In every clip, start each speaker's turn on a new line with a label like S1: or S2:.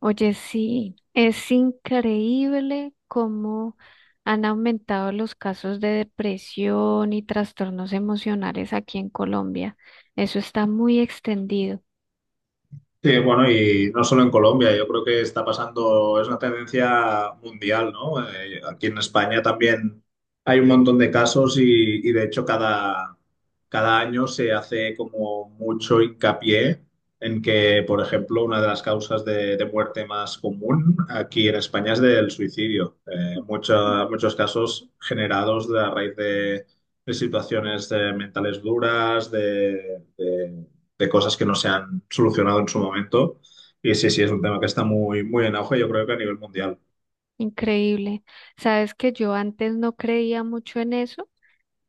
S1: Oye, sí, es increíble cómo han aumentado los casos de depresión y trastornos emocionales aquí en Colombia. Eso está muy extendido,
S2: Sí, bueno, y no solo en Colombia, yo creo que está pasando, es una tendencia mundial, ¿no? Aquí en España también hay un montón de casos y de hecho cada año se hace como mucho hincapié en que, por ejemplo, una de las causas de muerte más común aquí en España es del suicidio. Muchos casos generados a raíz de situaciones mentales duras, de cosas que no se han solucionado en su momento. Y sí, sí, es un tema que está muy, muy en auge, yo creo que a nivel mundial.
S1: increíble. Sabes que yo antes no creía mucho en eso.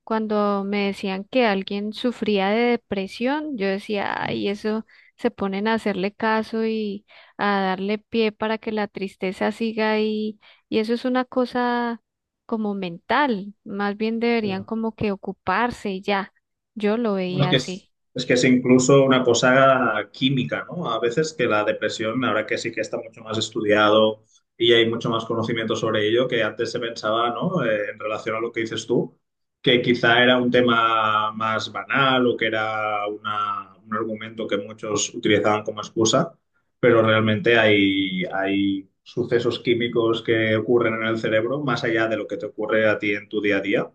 S1: Cuando me decían que alguien sufría de depresión, yo decía,
S2: Mm.
S1: ay, eso se ponen a hacerle caso y a darle pie para que la tristeza siga ahí. Y eso es una cosa como mental, más bien deberían
S2: Ya.
S1: como que ocuparse y ya. Yo lo
S2: Bueno, Es
S1: veía
S2: que es,
S1: así.
S2: es que es incluso una cosa química, ¿no? A veces que la depresión, ahora que sí que está mucho más estudiado y hay mucho más conocimiento sobre ello, que antes se pensaba, ¿no? En relación a lo que dices tú, que quizá era un tema más banal o que era un argumento que muchos utilizaban como excusa, pero realmente hay sucesos químicos que ocurren en el cerebro más allá de lo que te ocurre a ti en tu día a día,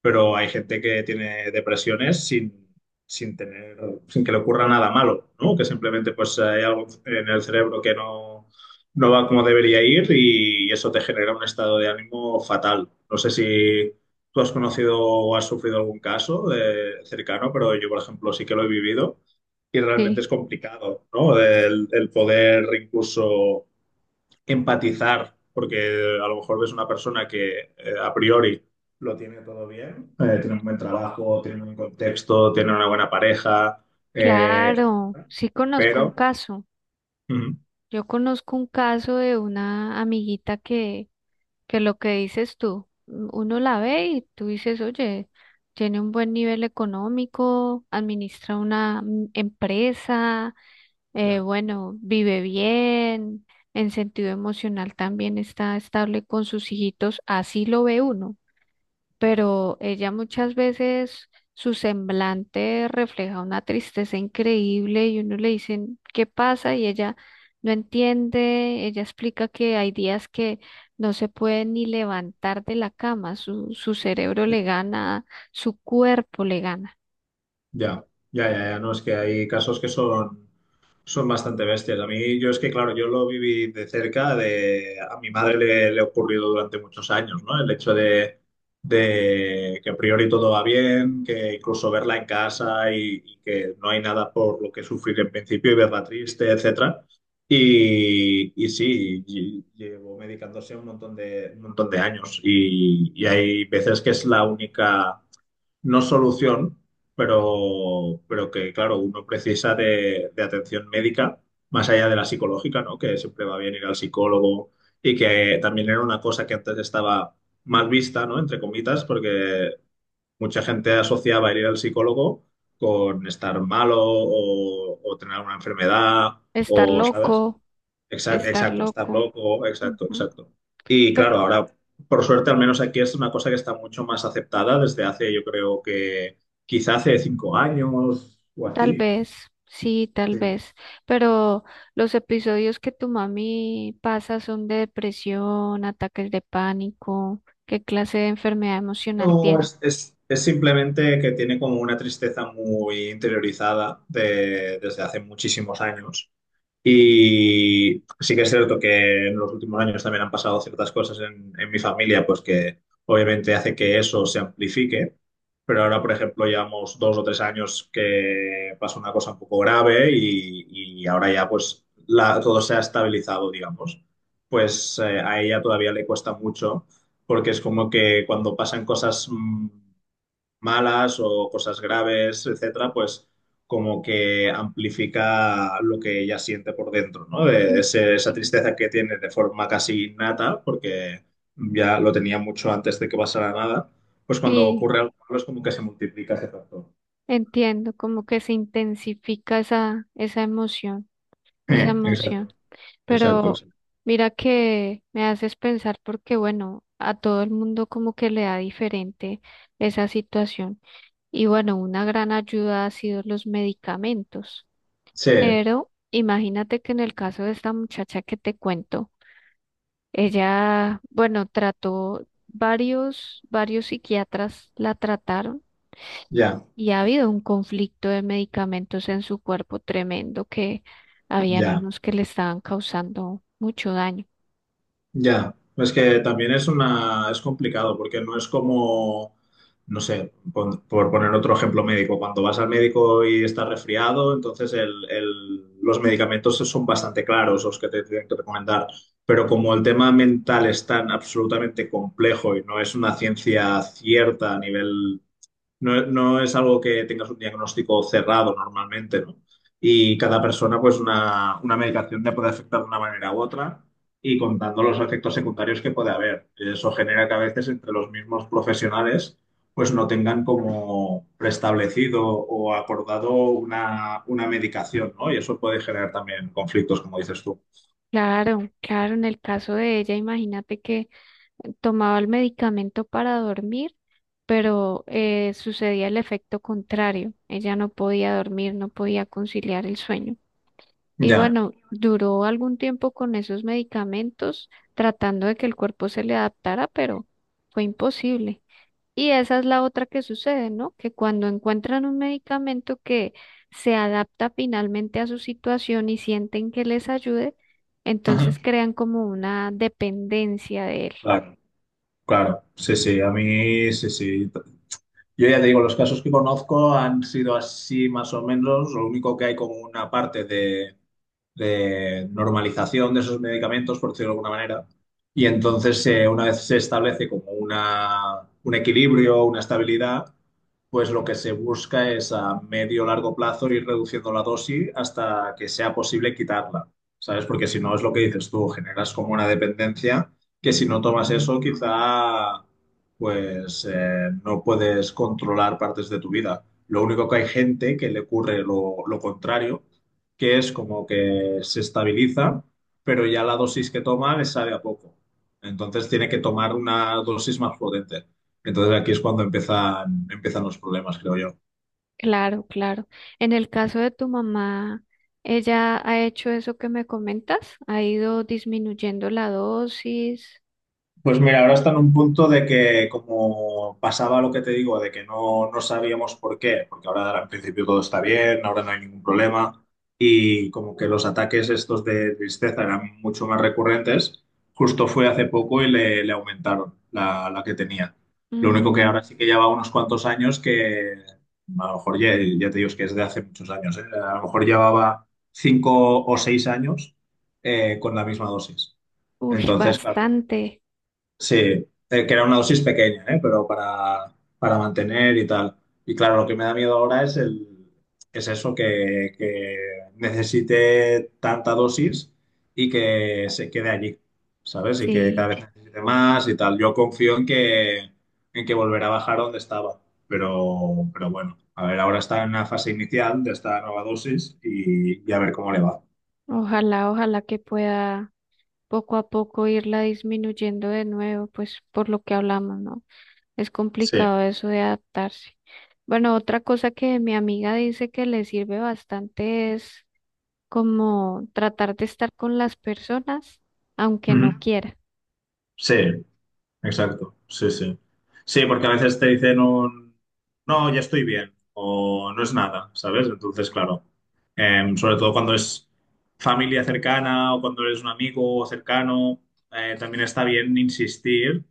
S2: pero hay gente que tiene depresiones sin tener, sin que le ocurra nada malo, ¿no? Que simplemente pues hay algo en el cerebro que no va como debería ir, y eso te genera un estado de ánimo fatal. No sé si tú has conocido o has sufrido algún caso cercano, pero yo, por ejemplo, sí que lo he vivido, y realmente
S1: Sí,
S2: es complicado, ¿no? El poder incluso empatizar, porque a lo mejor ves una persona que, a priori, lo tiene todo bien, tiene un buen trabajo, tiene un buen contexto, tiene una buena pareja, eh,
S1: claro, sí conozco un
S2: pero...
S1: caso.
S2: Ujú.
S1: Yo conozco un caso de una amiguita que lo que dices tú, uno la ve y tú dices, oye, tiene un buen nivel económico, administra una empresa,
S2: Ya,
S1: bueno, vive bien, en sentido emocional también está estable con sus hijitos, así lo ve uno,
S2: ya,
S1: pero ella muchas veces su semblante refleja una tristeza increíble y uno le dice, ¿qué pasa? Y ella no entiende, ella explica que hay días que no se puede ni levantar de la cama, su cerebro
S2: ya,
S1: le gana, su cuerpo le gana.
S2: ya, ya, ya, no, es que hay casos que son... Son bastante bestias. A mí, yo es que, claro, yo lo viví de cerca. A mi madre le ha ocurrido durante muchos años, ¿no? El hecho de que a priori todo va bien, que incluso verla en casa, y que no hay nada por lo que sufrir en principio, y verla triste, etcétera. Y sí, llevo medicándose un montón de años, y hay veces que es la única no solución, pero que, claro, uno precisa de atención médica, más allá de la psicológica, ¿no? Que siempre va bien ir al psicólogo y que también era una cosa que antes estaba mal vista, ¿no? Entre comitas, porque mucha gente asociaba el ir al psicólogo con estar malo o tener una enfermedad
S1: Estar
S2: o, ¿sabes?
S1: loco,
S2: Exacto,
S1: estar
S2: exacto, estar
S1: loco.
S2: loco, exacto,
S1: Ujú.
S2: exacto. Y
S1: Pe-
S2: claro, ahora, por suerte, al menos aquí es una cosa que está mucho más aceptada desde hace, yo creo que quizá hace 5 años o
S1: Tal
S2: así.
S1: vez, sí, tal
S2: Sí.
S1: vez, pero los episodios que tu mami pasa son de depresión, ataques de pánico, ¿qué clase de enfermedad emocional
S2: No,
S1: tiene?
S2: es, es- es simplemente que tiene como una tristeza muy interiorizada desde hace muchísimos años. Y sí que es cierto que en los últimos años también han pasado ciertas cosas en mi familia, pues que obviamente hace que eso se amplifique. Pero ahora, por ejemplo, llevamos 2 o 3 años que pasó una cosa un poco grave, y ahora ya pues todo se ha estabilizado, digamos. Pues a ella todavía le cuesta mucho porque es como que cuando pasan cosas malas o cosas graves, etcétera, pues como que amplifica lo que ella siente por dentro, ¿no? De
S1: Mm.
S2: esa tristeza que tiene de forma casi innata, porque ya lo tenía mucho antes de que pasara nada, pues cuando
S1: Sí,
S2: ocurre algo malo es como que se multiplica ese factor.
S1: entiendo, como que se intensifica esa, esa
S2: Exacto,
S1: emoción,
S2: exacto,
S1: pero
S2: exacto.
S1: mira que me haces pensar porque, bueno, a todo el mundo como que le da diferente esa situación y bueno, una gran ayuda ha sido los medicamentos.
S2: Sí,
S1: Pero imagínate que en el caso de esta muchacha que te cuento, ella, bueno, trató varios, psiquiatras la trataron
S2: ya,
S1: y ha habido un conflicto de medicamentos en su cuerpo tremendo, que habían
S2: ya.
S1: unos que le estaban causando mucho daño.
S2: Ya, es que también es complicado porque no es como, no sé, poner otro ejemplo médico, cuando vas al médico y estás resfriado, entonces los medicamentos son bastante claros los que te tienen que recomendar, pero como el tema mental es tan absolutamente complejo y no es una ciencia cierta a nivel, no es algo que tengas un diagnóstico cerrado normalmente, ¿no? Y cada persona, pues una medicación te puede afectar de una manera u otra, y contando los efectos secundarios que puede haber. Eso genera que a veces entre los mismos profesionales, pues no tengan como preestablecido o acordado una medicación, ¿no? Y eso puede generar también conflictos, como dices tú.
S1: Claro, claro, en el caso de ella, imagínate que tomaba el medicamento para dormir, pero sucedía el efecto contrario. Ella no podía dormir, no podía conciliar el sueño. Y
S2: Ya.
S1: bueno, duró algún tiempo con esos medicamentos tratando de que el cuerpo se le adaptara, pero fue imposible. Y esa es la otra que sucede, ¿no? Que cuando encuentran un medicamento que se adapta finalmente a su situación y sienten que les ayude,
S2: Ajá.
S1: entonces crean como una dependencia de él.
S2: Claro, claro. Sí, sí, a mí, sí, sí. Yo ya te digo, los casos que conozco han sido así más o menos. Lo único que hay como una parte de normalización de esos medicamentos, por decirlo de alguna manera. Y entonces, una vez se establece como un equilibrio, una estabilidad, pues lo que se busca es a medio o largo plazo ir reduciendo la dosis hasta que sea posible quitarla, ¿sabes? Porque si no es lo que dices tú, generas como una dependencia, que si no tomas eso quizá, pues no puedes controlar partes de tu vida. Lo único que hay gente que le ocurre lo contrario, que es como que se estabiliza, pero ya la dosis que toma le sabe a poco. Entonces tiene que tomar una dosis más potente. Entonces aquí es cuando empiezan los problemas, creo yo.
S1: Claro, claro. En el caso de tu mamá, ella ha hecho eso que me comentas, ha ido disminuyendo la dosis.
S2: Pues mira, ahora está en un punto de que como pasaba lo que te digo, de que no sabíamos por qué, porque ahora en principio todo está bien, ahora no hay ningún problema, y como que los ataques estos de tristeza eran mucho más recurrentes, justo fue hace poco y le aumentaron la que tenía. Lo único que
S1: Mm.
S2: ahora sí que lleva unos cuantos años que a lo mejor ya, ya te digo es que es de hace muchos años, ¿eh? A lo mejor llevaba 5 o 6 años con la misma dosis.
S1: Uy,
S2: Entonces, claro,
S1: bastante.
S2: sí, que era una dosis pequeña, ¿eh? Pero para mantener y tal. Y claro, lo que me da miedo ahora es es eso, que necesite tanta dosis y que se quede allí, ¿sabes? Y que cada
S1: Sí,
S2: vez necesite más y tal. Yo confío en que volverá a bajar donde estaba. Pero bueno, a ver, ahora está en la fase inicial de esta nueva dosis, y a ver cómo le va.
S1: ojalá, ojalá que pueda poco a poco irla disminuyendo de nuevo, pues por lo que hablamos, ¿no? Es
S2: Sí.
S1: complicado eso de adaptarse. Bueno, otra cosa que mi amiga dice que le sirve bastante es como tratar de estar con las personas, aunque no
S2: Ujú.
S1: quiera.
S2: Sí. Exacto, sí, sí. Sí, porque a veces te dicen no, ya estoy bien, o no es nada, ¿sabes? Entonces, claro, sobre todo cuando es familia cercana o cuando eres un amigo cercano, también está bien insistir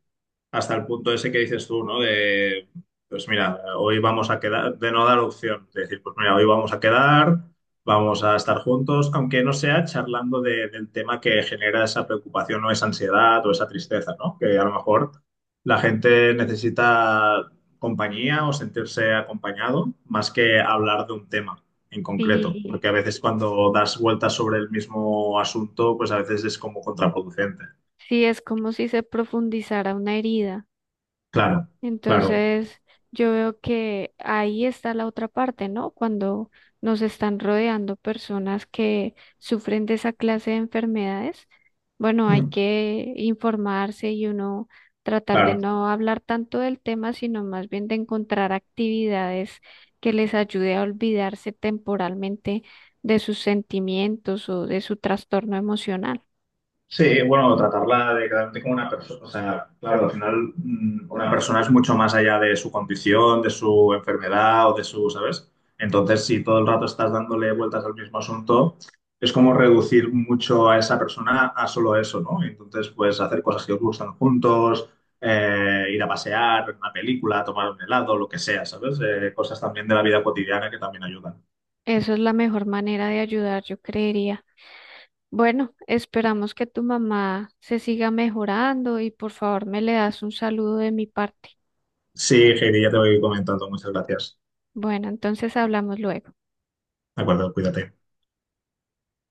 S2: hasta el punto ese que dices tú, ¿no? De, pues mira, hoy vamos a quedar, de no dar opción, de decir, pues mira, hoy vamos a quedar, vamos a estar juntos, aunque no sea charlando del tema que genera esa preocupación o esa ansiedad o esa tristeza, ¿no? Que a lo mejor la gente necesita compañía o sentirse acompañado más que hablar de un tema en concreto,
S1: Sí,
S2: porque a veces cuando das vueltas sobre el mismo asunto, pues a veces es como contraproducente.
S1: sí, es como si se profundizara una herida.
S2: Claro, claro,
S1: Entonces, yo veo que ahí está la otra parte, ¿no? Cuando nos están rodeando personas que sufren de esa clase de enfermedades, bueno, hay
S2: Mm.
S1: que informarse y uno tratar de
S2: Claro.
S1: no hablar tanto del tema, sino más bien de encontrar actividades que les ayude a olvidarse temporalmente de sus sentimientos o de su trastorno emocional.
S2: Sí, bueno, tratarla de como una persona, o sea, claro, al final una persona es mucho más allá de su condición, de su enfermedad o de su, ¿sabes? Entonces, si todo el rato estás dándole vueltas al mismo asunto, es como reducir mucho a esa persona a solo eso, ¿no? Entonces, pues hacer cosas que os gustan juntos, ir a pasear, ver una película, tomar un helado, lo que sea, ¿sabes? Cosas también de la vida cotidiana que también ayudan.
S1: Eso es la mejor manera de ayudar, yo creería. Bueno, esperamos que tu mamá se siga mejorando y por favor me le das un saludo de mi parte.
S2: Sí, Heidi, ya te voy comentando. Muchas gracias.
S1: Bueno, entonces hablamos luego.
S2: De acuerdo, cuídate.